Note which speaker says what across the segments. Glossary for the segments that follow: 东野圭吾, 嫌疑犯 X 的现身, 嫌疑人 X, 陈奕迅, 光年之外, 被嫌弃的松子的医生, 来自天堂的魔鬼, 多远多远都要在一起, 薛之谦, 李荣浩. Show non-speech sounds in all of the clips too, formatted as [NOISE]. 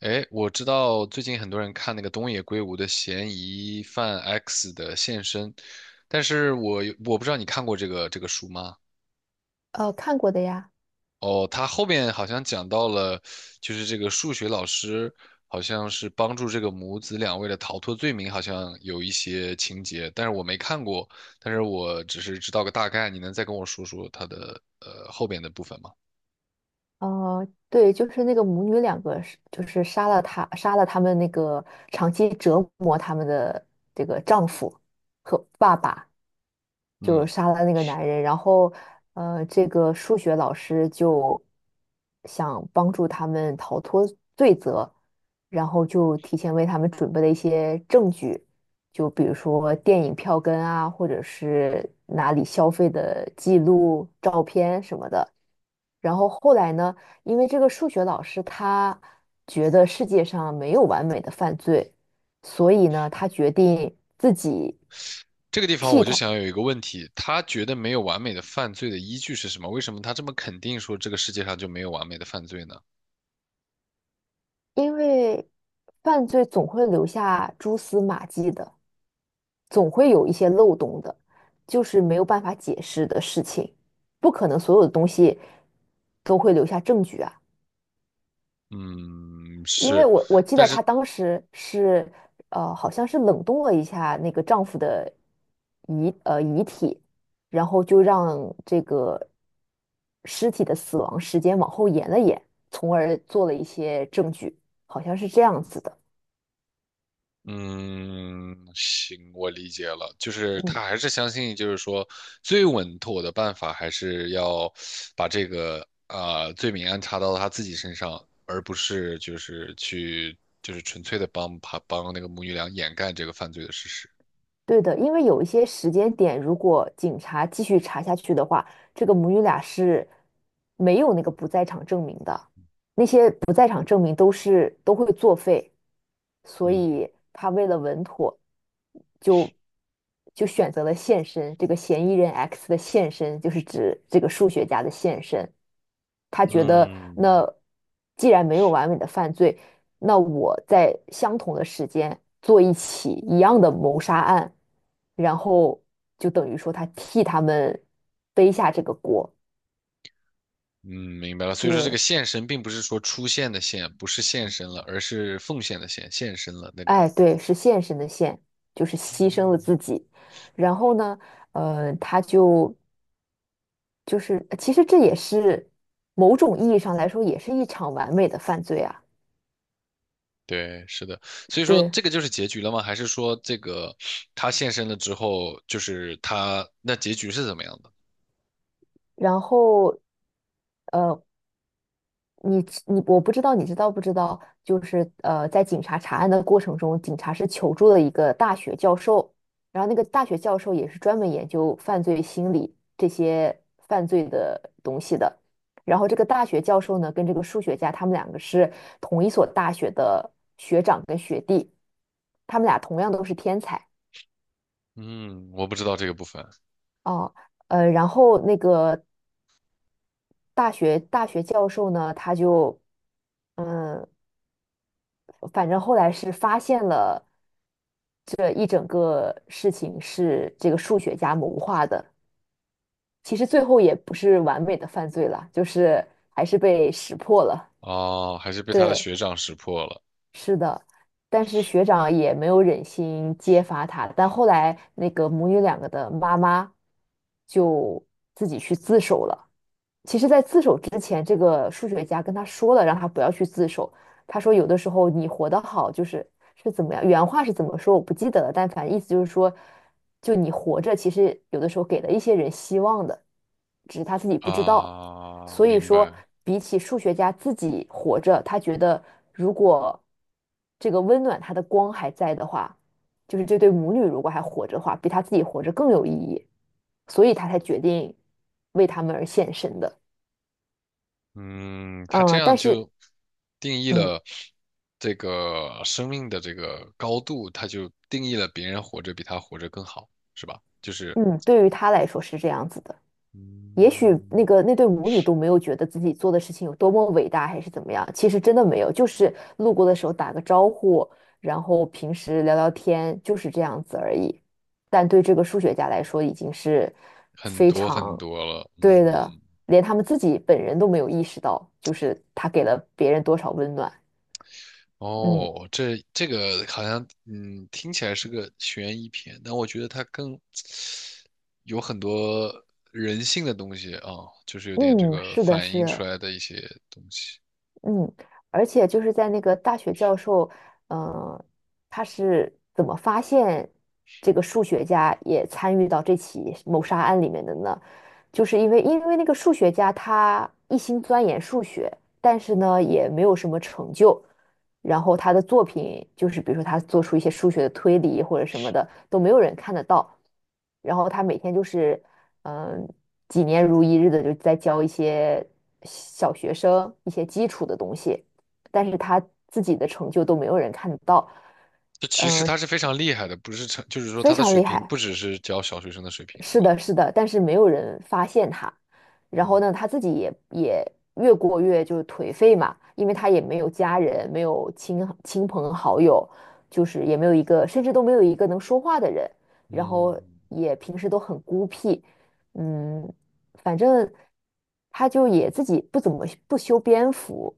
Speaker 1: 哎，我知道最近很多人看那个东野圭吾的《嫌疑犯 X 的现身》，但是我不知道你看过这个书吗？
Speaker 2: 看过的呀。
Speaker 1: 哦，他后面好像讲到了，就是这个数学老师好像是帮助这个母子两位的逃脱罪名，好像有一些情节，但是我没看过，但是我只是知道个大概，你能再跟我说说他的后边的部分吗？
Speaker 2: 对，就是那个母女两个是，就是杀了他，杀了他们那个长期折磨他们的这个丈夫和爸爸，就
Speaker 1: 嗯。
Speaker 2: 杀了那个男人。然后这个数学老师就想帮助他们逃脱罪责，然后就提前为他们准备了一些证据，就比如说电影票根啊，或者是哪里消费的记录、照片什么的。然后后来呢，因为这个数学老师他觉得世界上没有完美的犯罪，所以呢，他决定自己
Speaker 1: 这个地方
Speaker 2: 替
Speaker 1: 我就
Speaker 2: 他。
Speaker 1: 想有一个问题，他觉得没有完美的犯罪的依据是什么？为什么他这么肯定说这个世界上就没有完美的犯罪呢？
Speaker 2: 因为犯罪总会留下蛛丝马迹的，总会有一些漏洞的，就是没有办法解释的事情，不可能所有的东西都会留下证据啊。
Speaker 1: 嗯，
Speaker 2: 因为
Speaker 1: 是，
Speaker 2: 我记
Speaker 1: 但
Speaker 2: 得
Speaker 1: 是，
Speaker 2: 她当时是，好像是冷冻了一下那个丈夫的遗体，然后就让这个尸体的死亡时间往后延了延，从而做了一些证据，好像是这样子的。
Speaker 1: 嗯，行，我理解了，就是
Speaker 2: 嗯。
Speaker 1: 他还是相信，就是说最稳妥的办法还是要把这个啊罪名安插到他自己身上，而不是就是去就是纯粹的帮他帮那个母女俩掩盖这个犯罪的事实。
Speaker 2: 对的，因为有一些时间点，如果警察继续查下去的话，这个母女俩是没有那个不在场证明的，那些不在场证明都会作废，所
Speaker 1: 嗯
Speaker 2: 以他为了稳妥，就就选择了现身，这个嫌疑人 X 的现身就是指这个数学家的现身。他觉得
Speaker 1: 嗯。
Speaker 2: 那既然没有完美的犯罪，那我在相同的时间做一起一样的谋杀案，然后就等于说他替他们背下这个锅。
Speaker 1: 嗯，明白了。所以说，这个
Speaker 2: 对，
Speaker 1: 献身并不是说出现的献，不是献身了，而是奉献的献，献身了那个。
Speaker 2: 哎，对，是献身的献，就是牺牲了
Speaker 1: 嗯
Speaker 2: 自己。然后呢，他就是，其实这也是某种意义上来说，也是一场完美的犯罪啊。
Speaker 1: 对，是的。所以说，
Speaker 2: 对，
Speaker 1: 这个就是结局了吗？还是说这个他献身了之后，就是他那结局是怎么样的？
Speaker 2: 然后呃，你我不知道你知道不知道，就是在警察查案的过程中，警察是求助了一个大学教授，然后那个大学教授也是专门研究犯罪心理这些犯罪的东西的。然后这个大学教授呢，跟这个数学家，他们两个是同一所大学的学长跟学弟，他们俩同样都是天才
Speaker 1: 嗯，我不知道这个部分。
Speaker 2: 哦。然后那个大学教授呢，他就。嗯，反正后来是发现了这一整个事情是这个数学家谋划的。其实最后也不是完美的犯罪了，就是还是被识破了。
Speaker 1: 哦，还是被他的
Speaker 2: 对，
Speaker 1: 学长识破了
Speaker 2: 是的，但是学长也没有忍心揭发他，但后来那个母女两个的妈妈就自己去自首了。其实，在自首之前，这个数学家跟他说了，让他不要去自首。他说，有的时候你活得好，就是是怎么样，原话是怎么说我不记得了，但反正意思就是说，就你活着，其实有的时候给了一些人希望的，只是他自己不知道。
Speaker 1: 啊，
Speaker 2: 所以
Speaker 1: 明
Speaker 2: 说，
Speaker 1: 白。
Speaker 2: 比起数学家自己活着，他觉得如果这个温暖他的光还在的话，就是这对母女如果还活着的话，比他自己活着更有意义，所以他才决定为他们而献身的。
Speaker 1: 嗯，他这
Speaker 2: 嗯，
Speaker 1: 样
Speaker 2: 但是，
Speaker 1: 就定义
Speaker 2: 嗯
Speaker 1: 了这个生命的这个高度，他就定义了别人活着比他活着更好，是吧？就是，
Speaker 2: 嗯，对于他来说是这样子的。也许
Speaker 1: 嗯，
Speaker 2: 那个那对母女都没有觉得自己做的事情有多么伟大，还是怎么样。其实真的没有，就是路过的时候打个招呼，然后平时聊聊天，就是这样子而已。但对这个数学家来说，已经是
Speaker 1: 很
Speaker 2: 非
Speaker 1: 多很
Speaker 2: 常
Speaker 1: 多了，
Speaker 2: 对的，
Speaker 1: 嗯，
Speaker 2: 连他们自己本人都没有意识到，就是他给了别人多少温暖。嗯
Speaker 1: 哦，这这个好像，嗯，听起来是个悬疑片，但我觉得它更有很多人性的东西啊，就是有点这
Speaker 2: 嗯，
Speaker 1: 个
Speaker 2: 是的，
Speaker 1: 反
Speaker 2: 是
Speaker 1: 映出
Speaker 2: 的。
Speaker 1: 来的一些东西。
Speaker 2: 嗯，而且就是在那个大学教授，呃，他是怎么发现这个数学家也参与到这起谋杀案里面的呢？就是因为那个数学家他一心钻研数学，但是呢也没有什么成就，然后他的作品就是比如说他做出一些数学的推理或者什么的都没有人看得到，然后他每天就是嗯几年如一日的就在教一些小学生一些基础的东西，但是他自己的成就都没有人看得到。
Speaker 1: 这其实他
Speaker 2: 嗯，
Speaker 1: 是非常厉害的，不是成，就是说
Speaker 2: 非
Speaker 1: 他的
Speaker 2: 常
Speaker 1: 水
Speaker 2: 厉
Speaker 1: 平
Speaker 2: 害。
Speaker 1: 不只是教小学生的水平，是
Speaker 2: 是
Speaker 1: 吧？
Speaker 2: 的，是的，但是没有人发现他。然后
Speaker 1: 嗯
Speaker 2: 呢，他自己也越过越就是颓废嘛，因为他也没有家人，没有亲朋好友，就是也没有一个，甚至都没有一个能说话的人。然后
Speaker 1: 嗯，
Speaker 2: 也平时都很孤僻，嗯，反正他就也自己不怎么不修边幅，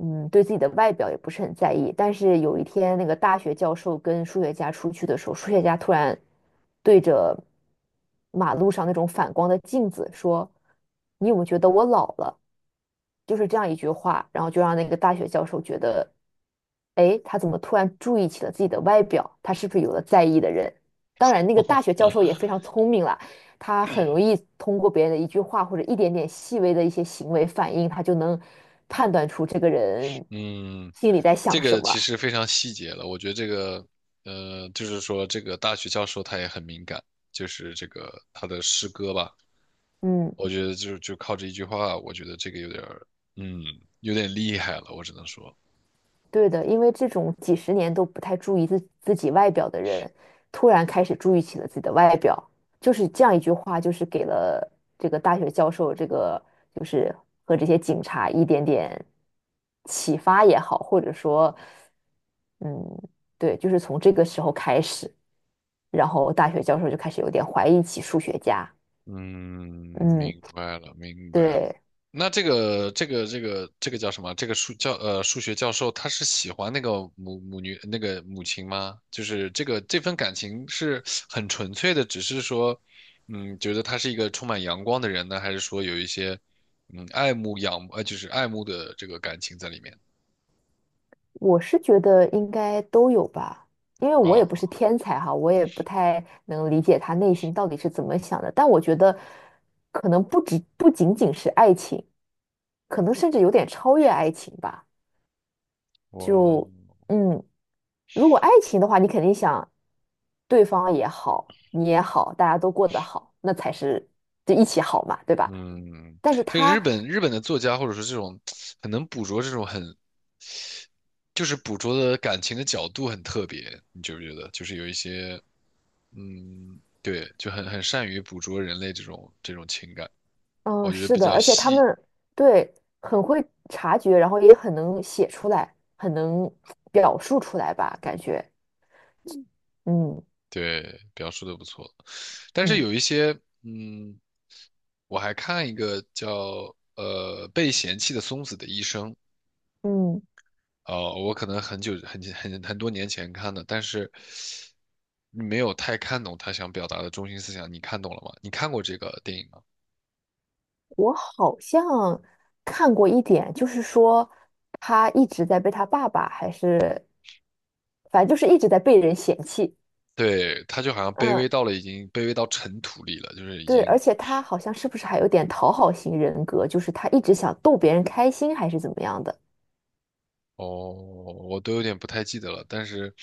Speaker 2: 嗯，对自己的外表也不是很在意。但是有一天，那个大学教授跟数学家出去的时候，数学家突然对着马路上那种反光的镜子说："你有没有觉得我老了？"就是这样一句话，然后就让那个大学教授觉得，哎，他怎么突然注意起了自己的外表？他是不是有了在意的人？当然，那个大学教授也非
Speaker 1: [LAUGHS]
Speaker 2: 常聪明了，他很容易通过别人的一句话或者一点点细微的一些行为反应，他就能判断出这个人
Speaker 1: 嗯，
Speaker 2: 心里在
Speaker 1: 这
Speaker 2: 想什
Speaker 1: 个其
Speaker 2: 么。
Speaker 1: 实非常细节了。我觉得这个，就是说这个大学教授他也很敏感，就是这个他的诗歌吧，
Speaker 2: 嗯。
Speaker 1: 我觉得就靠这一句话，我觉得这个有点儿，嗯，有点厉害了，我只能说。
Speaker 2: 对的，因为这种几十年都不太注意自己外表的人，突然开始注意起了自己的外表，就是这样一句话，就是给了这个大学教授，这个就是和这些警察一点点启发也好，或者说，嗯，对，就是从这个时候开始，然后大学教授就开始有点怀疑起数学家，
Speaker 1: 嗯，
Speaker 2: 嗯，
Speaker 1: 明白了，明白了。
Speaker 2: 对。
Speaker 1: 那这个叫什么？这个数学教授他是喜欢那个母女那个母亲吗？就是这个这份感情是很纯粹的，只是说，嗯，觉得他是一个充满阳光的人呢，还是说有一些爱慕仰呃就是爱慕的这个感情在里面
Speaker 2: 我是觉得应该都有吧，因为我也
Speaker 1: 啊？
Speaker 2: 不是天才哈，我也不太能理解他内心到底是怎么想的。但我觉得，可能不止不仅仅是爱情，可能甚至有点超越爱情吧。
Speaker 1: 我
Speaker 2: 就嗯，如果爱情的话，你肯定想对方也好，你也好，大家都过得好，那才是就一起好嘛，对吧？
Speaker 1: 嗯，
Speaker 2: 但是
Speaker 1: 这个
Speaker 2: 他
Speaker 1: 日本的作家或者说这种很能捕捉这种很就是捕捉的感情的角度很特别，你觉不觉得？就是有一些，嗯，对，就很善于捕捉人类这种情感，
Speaker 2: 嗯，
Speaker 1: 我觉得
Speaker 2: 是
Speaker 1: 比
Speaker 2: 的，
Speaker 1: 较
Speaker 2: 而且他
Speaker 1: 细，
Speaker 2: 们对很会察觉，然后也很能写出来，很能表述出来吧，感觉，嗯
Speaker 1: 对，表述的不错。但是
Speaker 2: 嗯
Speaker 1: 有一些，嗯，我还看一个叫被嫌弃的松子的医生，
Speaker 2: 嗯，
Speaker 1: 哦、我可能很久很很很多年前看的，但是没有太看懂他想表达的中心思想。你看懂了吗？你看过这个电影吗？
Speaker 2: 我好像看过一点，就是说他一直在被他爸爸还是反正就是一直在被人嫌弃，
Speaker 1: 对，他就好像卑微
Speaker 2: 嗯，
Speaker 1: 到了已经卑微到尘土里了，就是已
Speaker 2: 对，而
Speaker 1: 经
Speaker 2: 且他好像是不是还有点讨好型人格，就是他一直想逗别人开心还是怎么样的？
Speaker 1: 哦，我都有点不太记得了，但是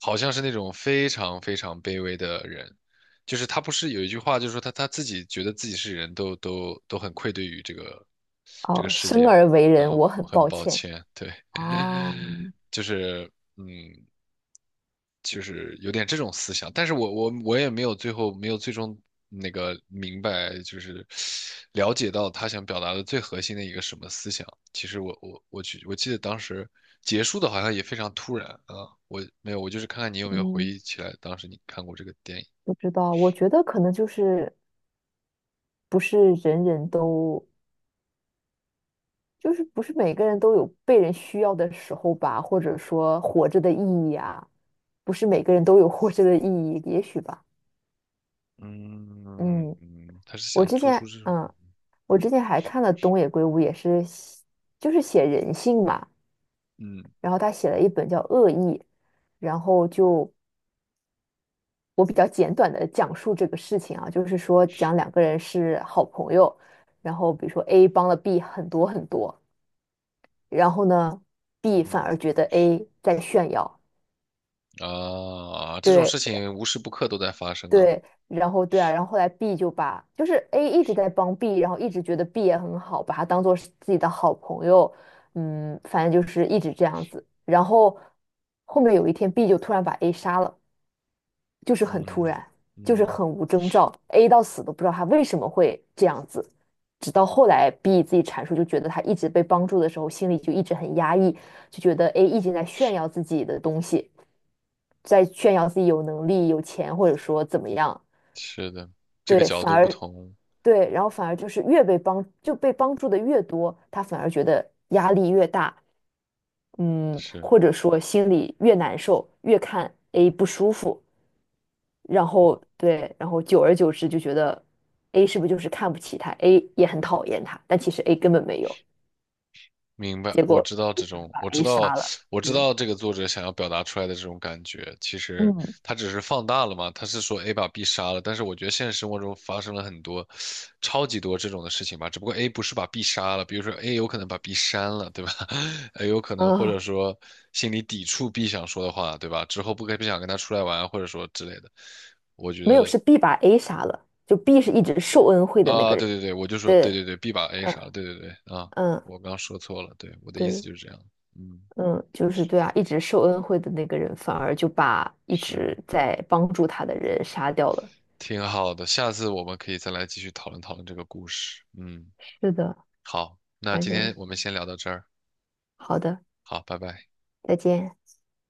Speaker 1: 好像是那种非常非常卑微的人，就是他不是有一句话，就是说他自己觉得自己是人都很愧对于这个这个
Speaker 2: 哦，
Speaker 1: 世
Speaker 2: 生
Speaker 1: 界嘛，
Speaker 2: 而为人，
Speaker 1: 啊，
Speaker 2: 我
Speaker 1: 我
Speaker 2: 很
Speaker 1: 很
Speaker 2: 抱
Speaker 1: 抱
Speaker 2: 歉。
Speaker 1: 歉，对，
Speaker 2: 哦，
Speaker 1: [LAUGHS] 就是。嗯，就是有点这种思想，但是我也没有最后没有最终那个明白，就是了解到他想表达的最核心的一个什么思想。其实我我我去记得当时结束的好像也非常突然啊，我没有，我就是看看你有没有回忆
Speaker 2: 嗯。
Speaker 1: 起来当时你看过这个电影。
Speaker 2: 不知道，我觉得可能就是不是人人都，就是不是每个人都有被人需要的时候吧，或者说活着的意义啊，不是每个人都有活着的意义，也许吧。
Speaker 1: 嗯
Speaker 2: 嗯，
Speaker 1: 嗯，他是
Speaker 2: 我
Speaker 1: 想
Speaker 2: 之
Speaker 1: 做出
Speaker 2: 前，
Speaker 1: 这种
Speaker 2: 嗯，我之前还看了东野圭吾，也是写就是写人性嘛，
Speaker 1: 嗯
Speaker 2: 然后他写了一本叫《恶意》，然后就我比较简短的讲述这个事情啊，就是说讲两个人是好朋友。然后比如说 A 帮了 B 很多很多，然后呢，B
Speaker 1: 嗯
Speaker 2: 反而觉得 A 在炫耀，
Speaker 1: 啊这种事
Speaker 2: 对
Speaker 1: 情无时不刻都在发生啊。
Speaker 2: 对，然后对啊，然后后来 B 就把就是 A 一直在帮 B,然后一直觉得 B 也很好，把他当做是自己的好朋友，嗯，反正就是一直这样子。然后后面有一天，B 就突然把 A 杀了，就是很突
Speaker 1: 嗯
Speaker 2: 然，就是
Speaker 1: 嗯。
Speaker 2: 很无征兆，A 到死都不知道他为什么会这样子。直到后来 B 自己阐述，就觉得他一直被帮助的时候，心里就一直很压抑，就觉得 A 一直在炫耀自己的东西，在炫耀自己有能力、有钱，或者说怎么样，
Speaker 1: 是的，这个
Speaker 2: 对，
Speaker 1: 角
Speaker 2: 反
Speaker 1: 度不
Speaker 2: 而
Speaker 1: 同，
Speaker 2: 对，然后反而就是越被帮就被帮助的越多，他反而觉得压力越大，嗯，
Speaker 1: 是，
Speaker 2: 或者说心里越难受，越看 A 不舒服，然后对，然后久而久之就觉得 A 是不是就是看不起他，A 也很讨厌他，但其实 A 根本没有，
Speaker 1: 明白，
Speaker 2: 结
Speaker 1: 我
Speaker 2: 果
Speaker 1: 知道这种，
Speaker 2: 把
Speaker 1: 我知
Speaker 2: A
Speaker 1: 道，
Speaker 2: 杀了，
Speaker 1: 我知
Speaker 2: 对，
Speaker 1: 道这个作者想要表达出来的这种感觉，其实
Speaker 2: 嗯
Speaker 1: 他只是放大了嘛，他是说 A 把 B 杀了，但是我觉得现实生活中发生了很多，超级多这种的事情吧，只不过 A 不是把 B 杀了，比如说 A 有可能把 B 删了，对吧 [LAUGHS]？A 有可能或者
Speaker 2: 啊，
Speaker 1: 说心里抵触 B 想说的话，对吧？之后不想跟他出来玩，或者说之类的，我觉
Speaker 2: 没有
Speaker 1: 得。
Speaker 2: 是 B 把 A 杀了，就 B 是一直受恩惠的那
Speaker 1: 啊，
Speaker 2: 个
Speaker 1: 对
Speaker 2: 人，
Speaker 1: 对对，我就说对
Speaker 2: 对。
Speaker 1: 对对，B 把 A
Speaker 2: 嗯。
Speaker 1: 啥，对对对啊，
Speaker 2: 嗯，
Speaker 1: 我刚说错了，对，我的意思
Speaker 2: 对，
Speaker 1: 就是这样，嗯，
Speaker 2: 嗯，就是对啊，一直受恩惠的那个人，反而就把一
Speaker 1: 是
Speaker 2: 直在帮助他的人杀掉了。
Speaker 1: 挺好的，下次我们可以再来继续讨论讨论这个故事，嗯，
Speaker 2: 是的，
Speaker 1: 好，那
Speaker 2: 反
Speaker 1: 今天
Speaker 2: 正
Speaker 1: 我们先聊到这儿，
Speaker 2: 好的，
Speaker 1: 好，拜拜。
Speaker 2: 再见。